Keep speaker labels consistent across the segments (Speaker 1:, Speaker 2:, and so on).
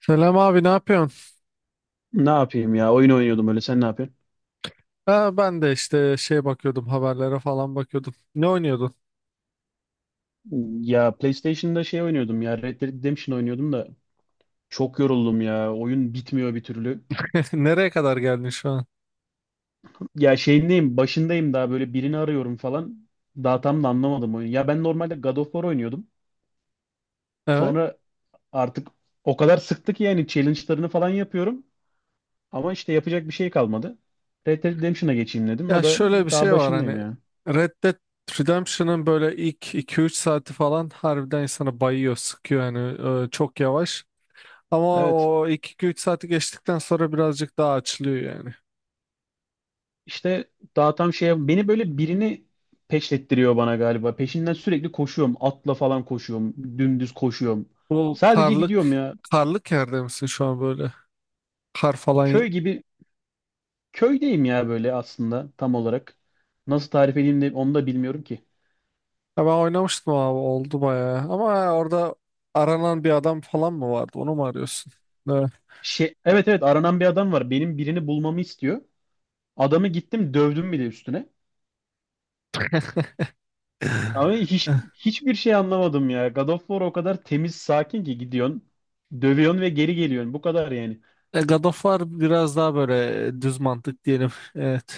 Speaker 1: Selam abi ne yapıyorsun?
Speaker 2: Ne yapayım ya? Oyun oynuyordum öyle. Sen ne yapıyorsun?
Speaker 1: Ha, ben de işte bakıyordum, haberlere falan bakıyordum. Ne oynuyordun?
Speaker 2: Ya PlayStation'da şey oynuyordum ya. Red Dead Redemption oynuyordum da çok yoruldum ya. Oyun bitmiyor bir türlü.
Speaker 1: Nereye kadar geldin şu an?
Speaker 2: Ya şeyindeyim, başındayım daha böyle birini arıyorum falan. Daha tam da anlamadım oyunu. Ya ben normalde God of War oynuyordum.
Speaker 1: Evet.
Speaker 2: Sonra artık o kadar sıktı ki yani challenge'larını falan yapıyorum. Ama işte yapacak bir şey kalmadı. Red Dead Redemption'a geçeyim dedim.
Speaker 1: Ya
Speaker 2: O da
Speaker 1: şöyle bir
Speaker 2: daha
Speaker 1: şey var
Speaker 2: başındayım
Speaker 1: hani
Speaker 2: ya.
Speaker 1: Red Dead Redemption'ın böyle ilk 2-3 saati falan harbiden insanı bayıyor, sıkıyor yani, çok yavaş. Ama
Speaker 2: Evet.
Speaker 1: o ilk 2-3 saati geçtikten sonra birazcık daha açılıyor yani.
Speaker 2: İşte daha tam şey beni böyle birini peşlettiriyor bana galiba. Peşinden sürekli koşuyorum. Atla falan koşuyorum. Dümdüz koşuyorum.
Speaker 1: Bu
Speaker 2: Sadece
Speaker 1: karlık
Speaker 2: gidiyorum ya.
Speaker 1: karlık yerde misin şu an böyle? Kar falan.
Speaker 2: Köy gibi köydeyim ya böyle aslında tam olarak. Nasıl tarif edeyim de onu da bilmiyorum ki.
Speaker 1: Ya ben oynamıştım abi, oldu bayağı. Ama orada aranan bir adam falan mı vardı? Onu mu arıyorsun? Evet.
Speaker 2: Şey, evet evet aranan bir adam var. Benim birini bulmamı istiyor. Adamı gittim dövdüm bile üstüne. Ama hiç hiçbir şey anlamadım ya. God of War o kadar temiz sakin ki gidiyorsun. Dövüyorsun ve geri geliyorsun. Bu kadar yani.
Speaker 1: E, God of War biraz daha böyle, düz mantık diyelim. Evet.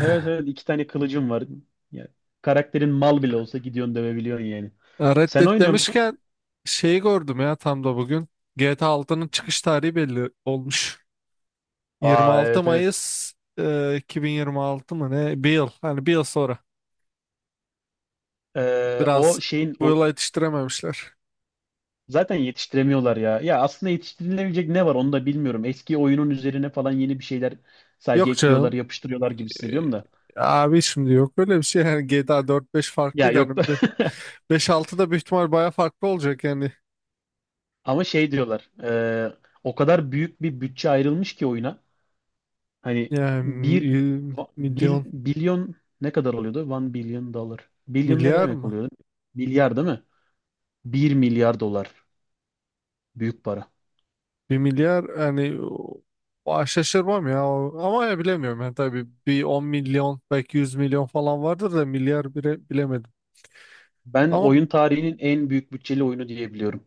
Speaker 2: Evet evet iki tane kılıcım var. Yani karakterin mal bile olsa gidiyorsun dövebiliyorsun yani.
Speaker 1: Red
Speaker 2: Sen
Speaker 1: Dead
Speaker 2: oynuyor musun?
Speaker 1: demişken, şeyi gördüm ya, tam da bugün. GTA 6'nın çıkış tarihi belli olmuş.
Speaker 2: Aa
Speaker 1: 26
Speaker 2: evet evet.
Speaker 1: Mayıs 2026 mı ne? Bir yıl. Hani bir yıl sonra. Biraz
Speaker 2: O şeyin
Speaker 1: bu
Speaker 2: o
Speaker 1: yıla yetiştirememişler.
Speaker 2: Zaten yetiştiremiyorlar ya. Ya aslında yetiştirilebilecek ne var onu da bilmiyorum. Eski oyunun üzerine falan yeni bir şeyler sadece
Speaker 1: Yok
Speaker 2: ekliyorlar,
Speaker 1: canım.
Speaker 2: yapıştırıyorlar gibi
Speaker 1: Ee,
Speaker 2: hissediyorum da.
Speaker 1: Abi şimdi yok öyle bir şey yani. GTA 4-5
Speaker 2: Ya
Speaker 1: farklıydı,
Speaker 2: yok da
Speaker 1: hani 5-6 da büyük ihtimal baya farklı olacak yani
Speaker 2: ama şey diyorlar. O kadar büyük bir bütçe ayrılmış ki oyuna. Hani
Speaker 1: yani
Speaker 2: bir bil,
Speaker 1: milyon,
Speaker 2: bilyon ne kadar oluyordu? One billion dollar. Billion ne
Speaker 1: milyar
Speaker 2: demek
Speaker 1: mı?
Speaker 2: oluyordu? Milyar değil mi? Bir milyar dolar. Büyük para.
Speaker 1: 1 milyar yani şaşırmam ya. Ama ya bilemiyorum yani, tabii bir 10 milyon, belki 100 milyon falan vardır da milyar bile bilemedim.
Speaker 2: Ben
Speaker 1: Ama
Speaker 2: oyun tarihinin en büyük bütçeli oyunu diyebiliyorum.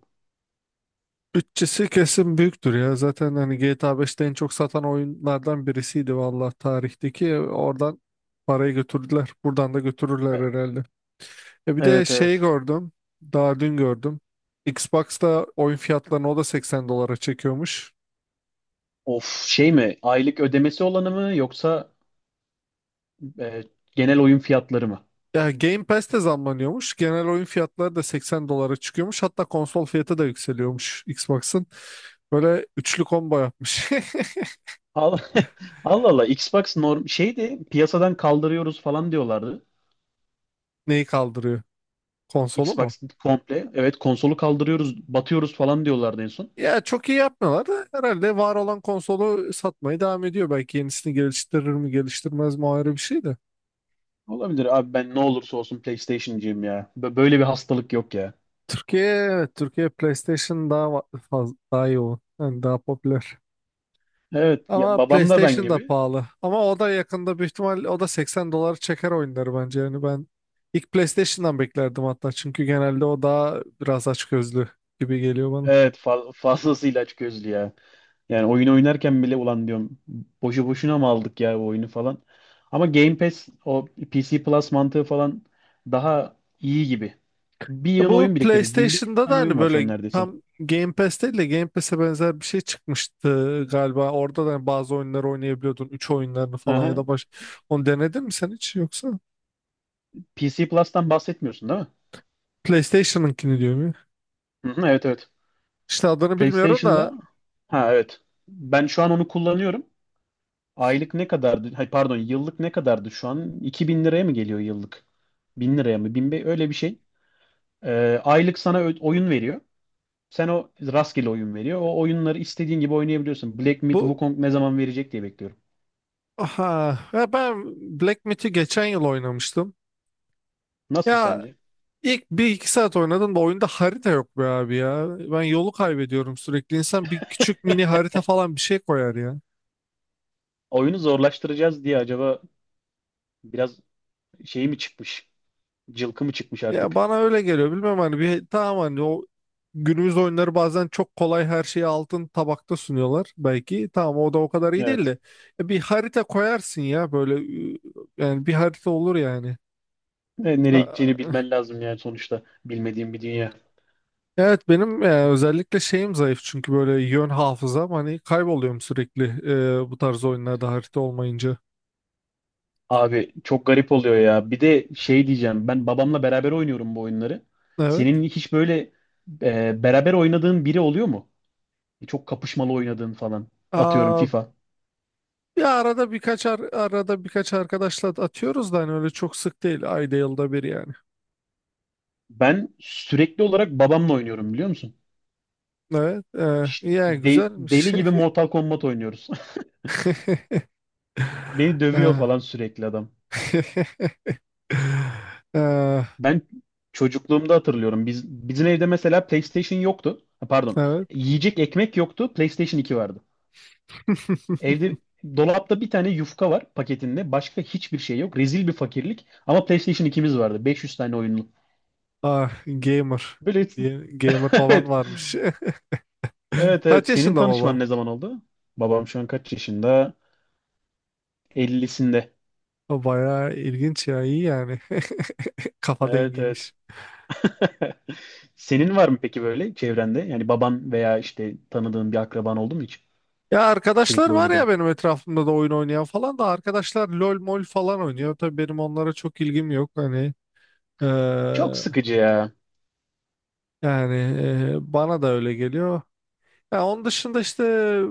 Speaker 1: bütçesi kesin büyüktür ya, zaten hani GTA 5'te en çok satan oyunlardan birisiydi vallahi tarihteki. Oradan parayı götürdüler, buradan da götürürler
Speaker 2: E-
Speaker 1: herhalde. Ya bir de
Speaker 2: Evet
Speaker 1: şeyi
Speaker 2: evet.
Speaker 1: gördüm. Daha dün gördüm. Xbox'ta oyun fiyatlarını o da 80 dolara çekiyormuş.
Speaker 2: Of şey mi? Aylık ödemesi olanı mı yoksa e, genel oyun fiyatları mı?
Speaker 1: Ya Game Pass de zamlanıyormuş. Genel oyun fiyatları da 80 dolara çıkıyormuş. Hatta konsol fiyatı da yükseliyormuş Xbox'ın. Böyle üçlü combo yapmış.
Speaker 2: Al- Allah Allah. Xbox norm şeydi piyasadan kaldırıyoruz falan diyorlardı.
Speaker 1: Neyi kaldırıyor? Konsolu mu?
Speaker 2: Xbox komple. Evet konsolu kaldırıyoruz, batıyoruz falan diyorlardı en son.
Speaker 1: Ya çok iyi yapmıyorlar da, herhalde var olan konsolu satmaya devam ediyor. Belki yenisini geliştirir mi geliştirmez mi, o ayrı bir şey de.
Speaker 2: Olabilir abi ben ne olursa olsun PlayStation'cıyım ya. Böyle bir hastalık yok ya.
Speaker 1: Türkiye, evet, Türkiye PlayStation daha fazla, daha yoğun. Yani daha popüler.
Speaker 2: Evet ya
Speaker 1: Ama
Speaker 2: babam da ben
Speaker 1: PlayStation da
Speaker 2: gibi.
Speaker 1: pahalı. Ama o da yakında büyük ihtimal o da 80 doları çeker oyunları bence. Yani ben ilk PlayStation'dan beklerdim hatta. Çünkü genelde o daha biraz açgözlü gibi geliyor bana.
Speaker 2: Evet fazlasıyla açgözlü ya. Yani oyun oynarken bile ulan diyorum boşu boşuna mı aldık ya bu oyunu falan. Ama Game Pass o PC Plus mantığı falan daha iyi gibi. Bir
Speaker 1: E,
Speaker 2: yığın
Speaker 1: bu
Speaker 2: oyun biriktirdik. 1.500
Speaker 1: PlayStation'da da
Speaker 2: tane
Speaker 1: hani
Speaker 2: oyun var şu an
Speaker 1: böyle
Speaker 2: neredeyse.
Speaker 1: tam Game Pass değil de Game Pass'e benzer bir şey çıkmıştı galiba. Orada da hani bazı oyunları oynayabiliyordun. Üç oyunlarını falan ya
Speaker 2: Aha.
Speaker 1: da baş... Onu denedin mi sen hiç yoksa?
Speaker 2: PC Plus'tan bahsetmiyorsun değil mi?
Speaker 1: PlayStation'ınkini diyor mu?
Speaker 2: Hı hı, evet evet.
Speaker 1: İşte adını bilmiyorum da,
Speaker 2: PlayStation'da ha evet. Ben şu an onu kullanıyorum. Aylık ne kadardı? Hay pardon yıllık ne kadardı şu an? 2.000 liraya mı geliyor yıllık? 1.000 liraya mı? 1000 be- öyle bir şey. Aylık sana ö- oyun veriyor. Sen o rastgele oyun veriyor. O oyunları istediğin gibi oynayabiliyorsun. Black Myth
Speaker 1: bu.
Speaker 2: Wukong ne zaman verecek diye bekliyorum.
Speaker 1: Aha, ya ben Black Myth'i geçen yıl oynamıştım.
Speaker 2: Nasıl
Speaker 1: Ya
Speaker 2: sence?
Speaker 1: ilk 1-2 saat oynadım da oyunda harita yok be abi ya. Ben yolu kaybediyorum sürekli. İnsan bir küçük mini harita falan, bir şey koyar ya.
Speaker 2: Oyunu zorlaştıracağız diye acaba biraz şey mi çıkmış? Cılkı mı çıkmış
Speaker 1: Ya
Speaker 2: artık?
Speaker 1: bana öyle geliyor. Bilmem, hani bir tamam, hani o günümüz oyunları bazen çok kolay, her şeyi altın tabakta sunuyorlar belki. Tamam, o da o kadar iyi değil
Speaker 2: Evet.
Speaker 1: de. Ya bir harita koyarsın ya, böyle yani bir harita olur yani.
Speaker 2: Nereye gideceğini
Speaker 1: A-
Speaker 2: bilmen lazım yani sonuçta. Bilmediğim bir dünya.
Speaker 1: Evet, benim özellikle şeyim zayıf, çünkü böyle yön hafızam, hani kayboluyorum sürekli bu tarz oyunlarda harita olmayınca.
Speaker 2: Abi çok garip oluyor ya. Bir de şey diyeceğim. Ben babamla beraber oynuyorum bu oyunları.
Speaker 1: Evet.
Speaker 2: Senin hiç böyle beraber oynadığın biri oluyor mu? Çok kapışmalı oynadığın falan. Atıyorum
Speaker 1: Aa,
Speaker 2: FIFA.
Speaker 1: ya arada birkaç arkadaşla atıyoruz da hani, öyle çok sık değil. Ayda yılda bir yani.
Speaker 2: Ben sürekli olarak babamla oynuyorum biliyor musun?
Speaker 1: Evet.
Speaker 2: Ş-
Speaker 1: E, yani
Speaker 2: de-
Speaker 1: güzelmiş.
Speaker 2: deli gibi Mortal Kombat oynuyoruz. Beni dövüyor
Speaker 1: Ee,
Speaker 2: falan sürekli adam.
Speaker 1: ee,
Speaker 2: Ben çocukluğumda hatırlıyorum. Bizim evde mesela PlayStation yoktu. Ha, pardon.
Speaker 1: evet.
Speaker 2: Yiyecek ekmek yoktu. PlayStation 2 vardı. Evde dolapta bir tane yufka var paketinde. Başka hiçbir şey yok. Rezil bir fakirlik. Ama PlayStation ikimiz vardı. 500 tane oyunlu.
Speaker 1: Ah, gamer.
Speaker 2: Böyle
Speaker 1: Gamer baban
Speaker 2: evet.
Speaker 1: varmış.
Speaker 2: Evet
Speaker 1: Kaç
Speaker 2: evet. Senin
Speaker 1: yaşında baban?
Speaker 2: tanışman ne zaman oldu? Babam şu an kaç yaşında? 50'sinde.
Speaker 1: O bayağı ilginç ya. İyi yani. Kafa
Speaker 2: Evet evet.
Speaker 1: dengiymiş.
Speaker 2: Senin var mı peki böyle çevrende? Yani baban veya işte tanıdığın bir akraban oldu mu hiç?
Speaker 1: Ya arkadaşlar
Speaker 2: Sürekli
Speaker 1: var ya
Speaker 2: oynadığın.
Speaker 1: benim etrafımda da, oyun oynayan falan da. Arkadaşlar LOL mol falan oynuyor. Tabii benim onlara çok ilgim yok. Hani eee,
Speaker 2: Çok sıkıcı ya.
Speaker 1: yani bana da öyle geliyor. Ya onun dışında işte,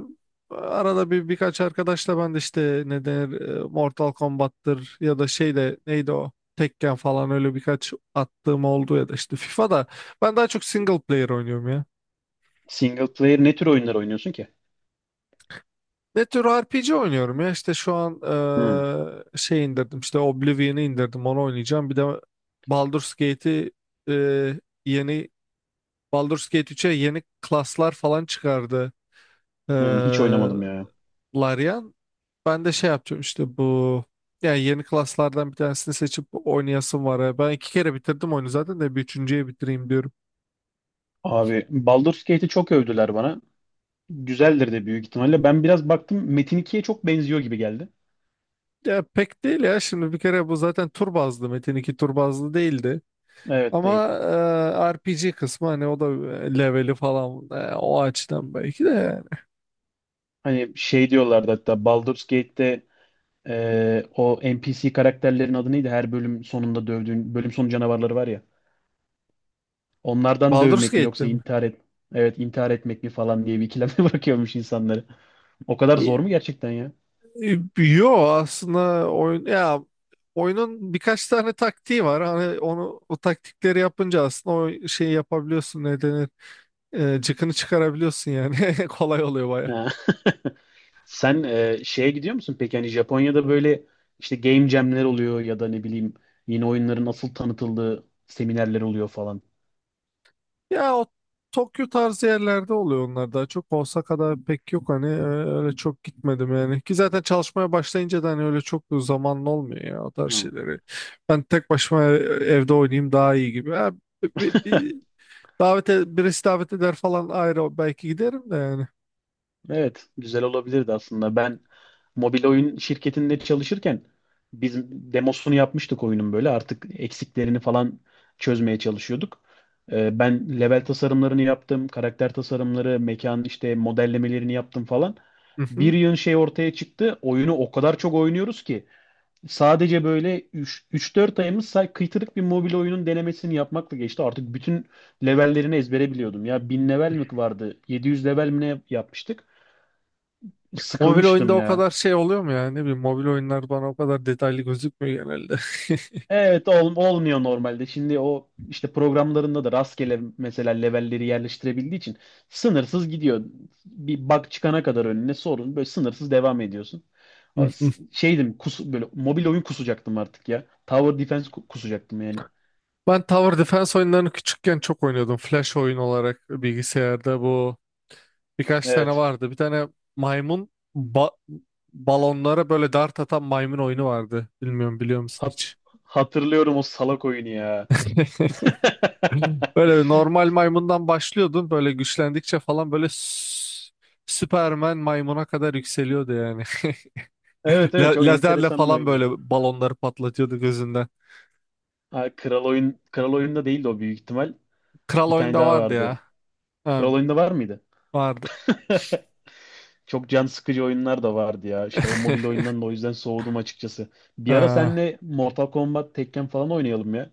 Speaker 1: arada bir birkaç arkadaşla ben de işte, ne denir, Mortal Kombat'tır ya da şey de neydi, o Tekken falan, öyle birkaç attığım oldu, ya da işte FIFA'da. Ben daha çok single player oynuyorum ya.
Speaker 2: Single player ne tür oyunlar oynuyorsun ki?
Speaker 1: Ne tür RPG oynuyorum ya işte. Şu an
Speaker 2: Hmm,
Speaker 1: şey indirdim, işte Oblivion'ı indirdim, onu oynayacağım. Bir de Baldur's Gate'i, yeni Baldur's Gate 3'e yeni klaslar falan çıkardı, eee
Speaker 2: Hiç oynamadım ya.
Speaker 1: Larian. Ben de şey yapacağım işte, bu yani yeni klaslardan bir tanesini seçip oynayasım var ya. Ben 2 kere bitirdim oyunu zaten de, bir üçüncüye bitireyim diyorum.
Speaker 2: Abi Baldur's Gate'i çok övdüler bana. Güzeldir de büyük ihtimalle. Ben biraz baktım Metin 2'ye çok benziyor gibi geldi.
Speaker 1: Ya pek değil ya, şimdi bir kere bu zaten tur bazlı, Metin 2 tur bazlı değildi.
Speaker 2: Evet
Speaker 1: Ama
Speaker 2: değil.
Speaker 1: RPG kısmı, hani o da leveli falan, o açıdan belki de yani.
Speaker 2: Hani şey diyorlardı hatta Baldur's Gate'te o NPC karakterlerin adı neydi? Her bölüm sonunda dövdüğün, bölüm sonu canavarları var ya. Onlardan
Speaker 1: Baldur's
Speaker 2: dövmek mi
Speaker 1: Gate'te
Speaker 2: yoksa
Speaker 1: mi?
Speaker 2: intihar et evet intihar etmek mi falan diye bir ikileme bırakıyormuş insanları. O kadar
Speaker 1: Y-
Speaker 2: zor mu gerçekten ya?
Speaker 1: Yo, aslında oyunun birkaç tane taktiği var. Hani onu, o taktikleri yapınca aslında o şeyi yapabiliyorsun, ne denir, cıkını çıkarabiliyorsun yani. Kolay oluyor baya.
Speaker 2: Ha. Sen şeye gidiyor musun peki? Hani Japonya'da böyle işte game jam'ler oluyor ya da ne bileyim yeni oyunların asıl tanıtıldığı seminerler oluyor falan.
Speaker 1: Ya o Tokyo tarzı yerlerde oluyor onlar daha çok. Osaka'da pek yok hani, öyle çok gitmedim yani. Ki zaten çalışmaya başlayınca da hani, öyle çok zamanın olmuyor ya o tarz
Speaker 2: Hı.
Speaker 1: şeyleri. Ben tek başıma evde oynayayım daha iyi gibi. Ha, bir davete, birisi davet eder falan ayrı, belki giderim de yani.
Speaker 2: Evet, güzel olabilirdi aslında. Ben mobil oyun şirketinde çalışırken biz demosunu yapmıştık oyunun böyle. Artık eksiklerini falan çözmeye çalışıyorduk. Ben level tasarımlarını yaptım, karakter tasarımları, mekan işte modellemelerini yaptım falan.
Speaker 1: Hı
Speaker 2: Bir
Speaker 1: hı.
Speaker 2: yığın şey ortaya çıktı. Oyunu o kadar çok oynuyoruz ki sadece böyle üç dört ayımız say- kıytırık bir mobil oyunun denemesini yapmakla geçti. Artık bütün levellerini ezbere biliyordum. Ya 1.000 level mi vardı? 700 level mi ne yapmıştık?
Speaker 1: Mobil oyunda
Speaker 2: Sıkılmıştım
Speaker 1: o
Speaker 2: ya.
Speaker 1: kadar şey oluyor mu yani? Ne bileyim, mobil oyunlar bana o kadar detaylı gözükmüyor genelde.
Speaker 2: Evet olmuyor normalde. Şimdi o işte programlarında da rastgele mesela levelleri yerleştirebildiği için sınırsız gidiyor. Bir bug çıkana kadar önüne sorun böyle sınırsız devam ediyorsun.
Speaker 1: Hı hı.
Speaker 2: Şeydim böyle mobil oyun kusacaktım artık ya. Tower Defense kusacaktım yani.
Speaker 1: Ben Tower Defense oyunlarını küçükken çok oynuyordum. Flash oyun olarak bilgisayarda, bu, birkaç tane
Speaker 2: Evet.
Speaker 1: vardı. Bir tane maymun, ba- balonlara böyle dart atan maymun oyunu vardı. Bilmiyorum, biliyor musun
Speaker 2: Hat-
Speaker 1: hiç?
Speaker 2: hatırlıyorum o salak oyunu ya.
Speaker 1: Böyle normal maymundan başlıyordun. Böyle güçlendikçe falan böyle Süpermen maymuna kadar yükseliyordu yani.
Speaker 2: Evet evet
Speaker 1: La-
Speaker 2: çok
Speaker 1: lazerle
Speaker 2: enteresan bir
Speaker 1: falan böyle
Speaker 2: oyundu.
Speaker 1: balonları patlatıyordu gözünden.
Speaker 2: Ha, kral oyun kral oyunda değildi o büyük ihtimal.
Speaker 1: Kral
Speaker 2: Bir tane
Speaker 1: oyunda
Speaker 2: daha
Speaker 1: vardı
Speaker 2: vardı.
Speaker 1: ya. Ha,
Speaker 2: Kral oyunda var mıydı?
Speaker 1: vardı.
Speaker 2: Çok can sıkıcı oyunlar da vardı ya. İşte o mobil oyundan da o yüzden soğudum açıkçası. Bir ara
Speaker 1: Ee,
Speaker 2: seninle Mortal Kombat, Tekken falan oynayalım ya.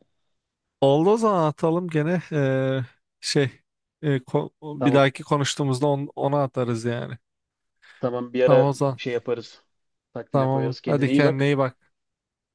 Speaker 1: Oldu o zaman, atalım gene şey bir
Speaker 2: Tamam.
Speaker 1: dahaki konuştuğumuzda onu atarız yani.
Speaker 2: Tamam bir
Speaker 1: Tamam
Speaker 2: ara
Speaker 1: o zaman.
Speaker 2: şey yaparız. Takvime
Speaker 1: Tamam.
Speaker 2: koyarız.
Speaker 1: Hadi,
Speaker 2: Kendine iyi
Speaker 1: kendine
Speaker 2: bak.
Speaker 1: iyi bak.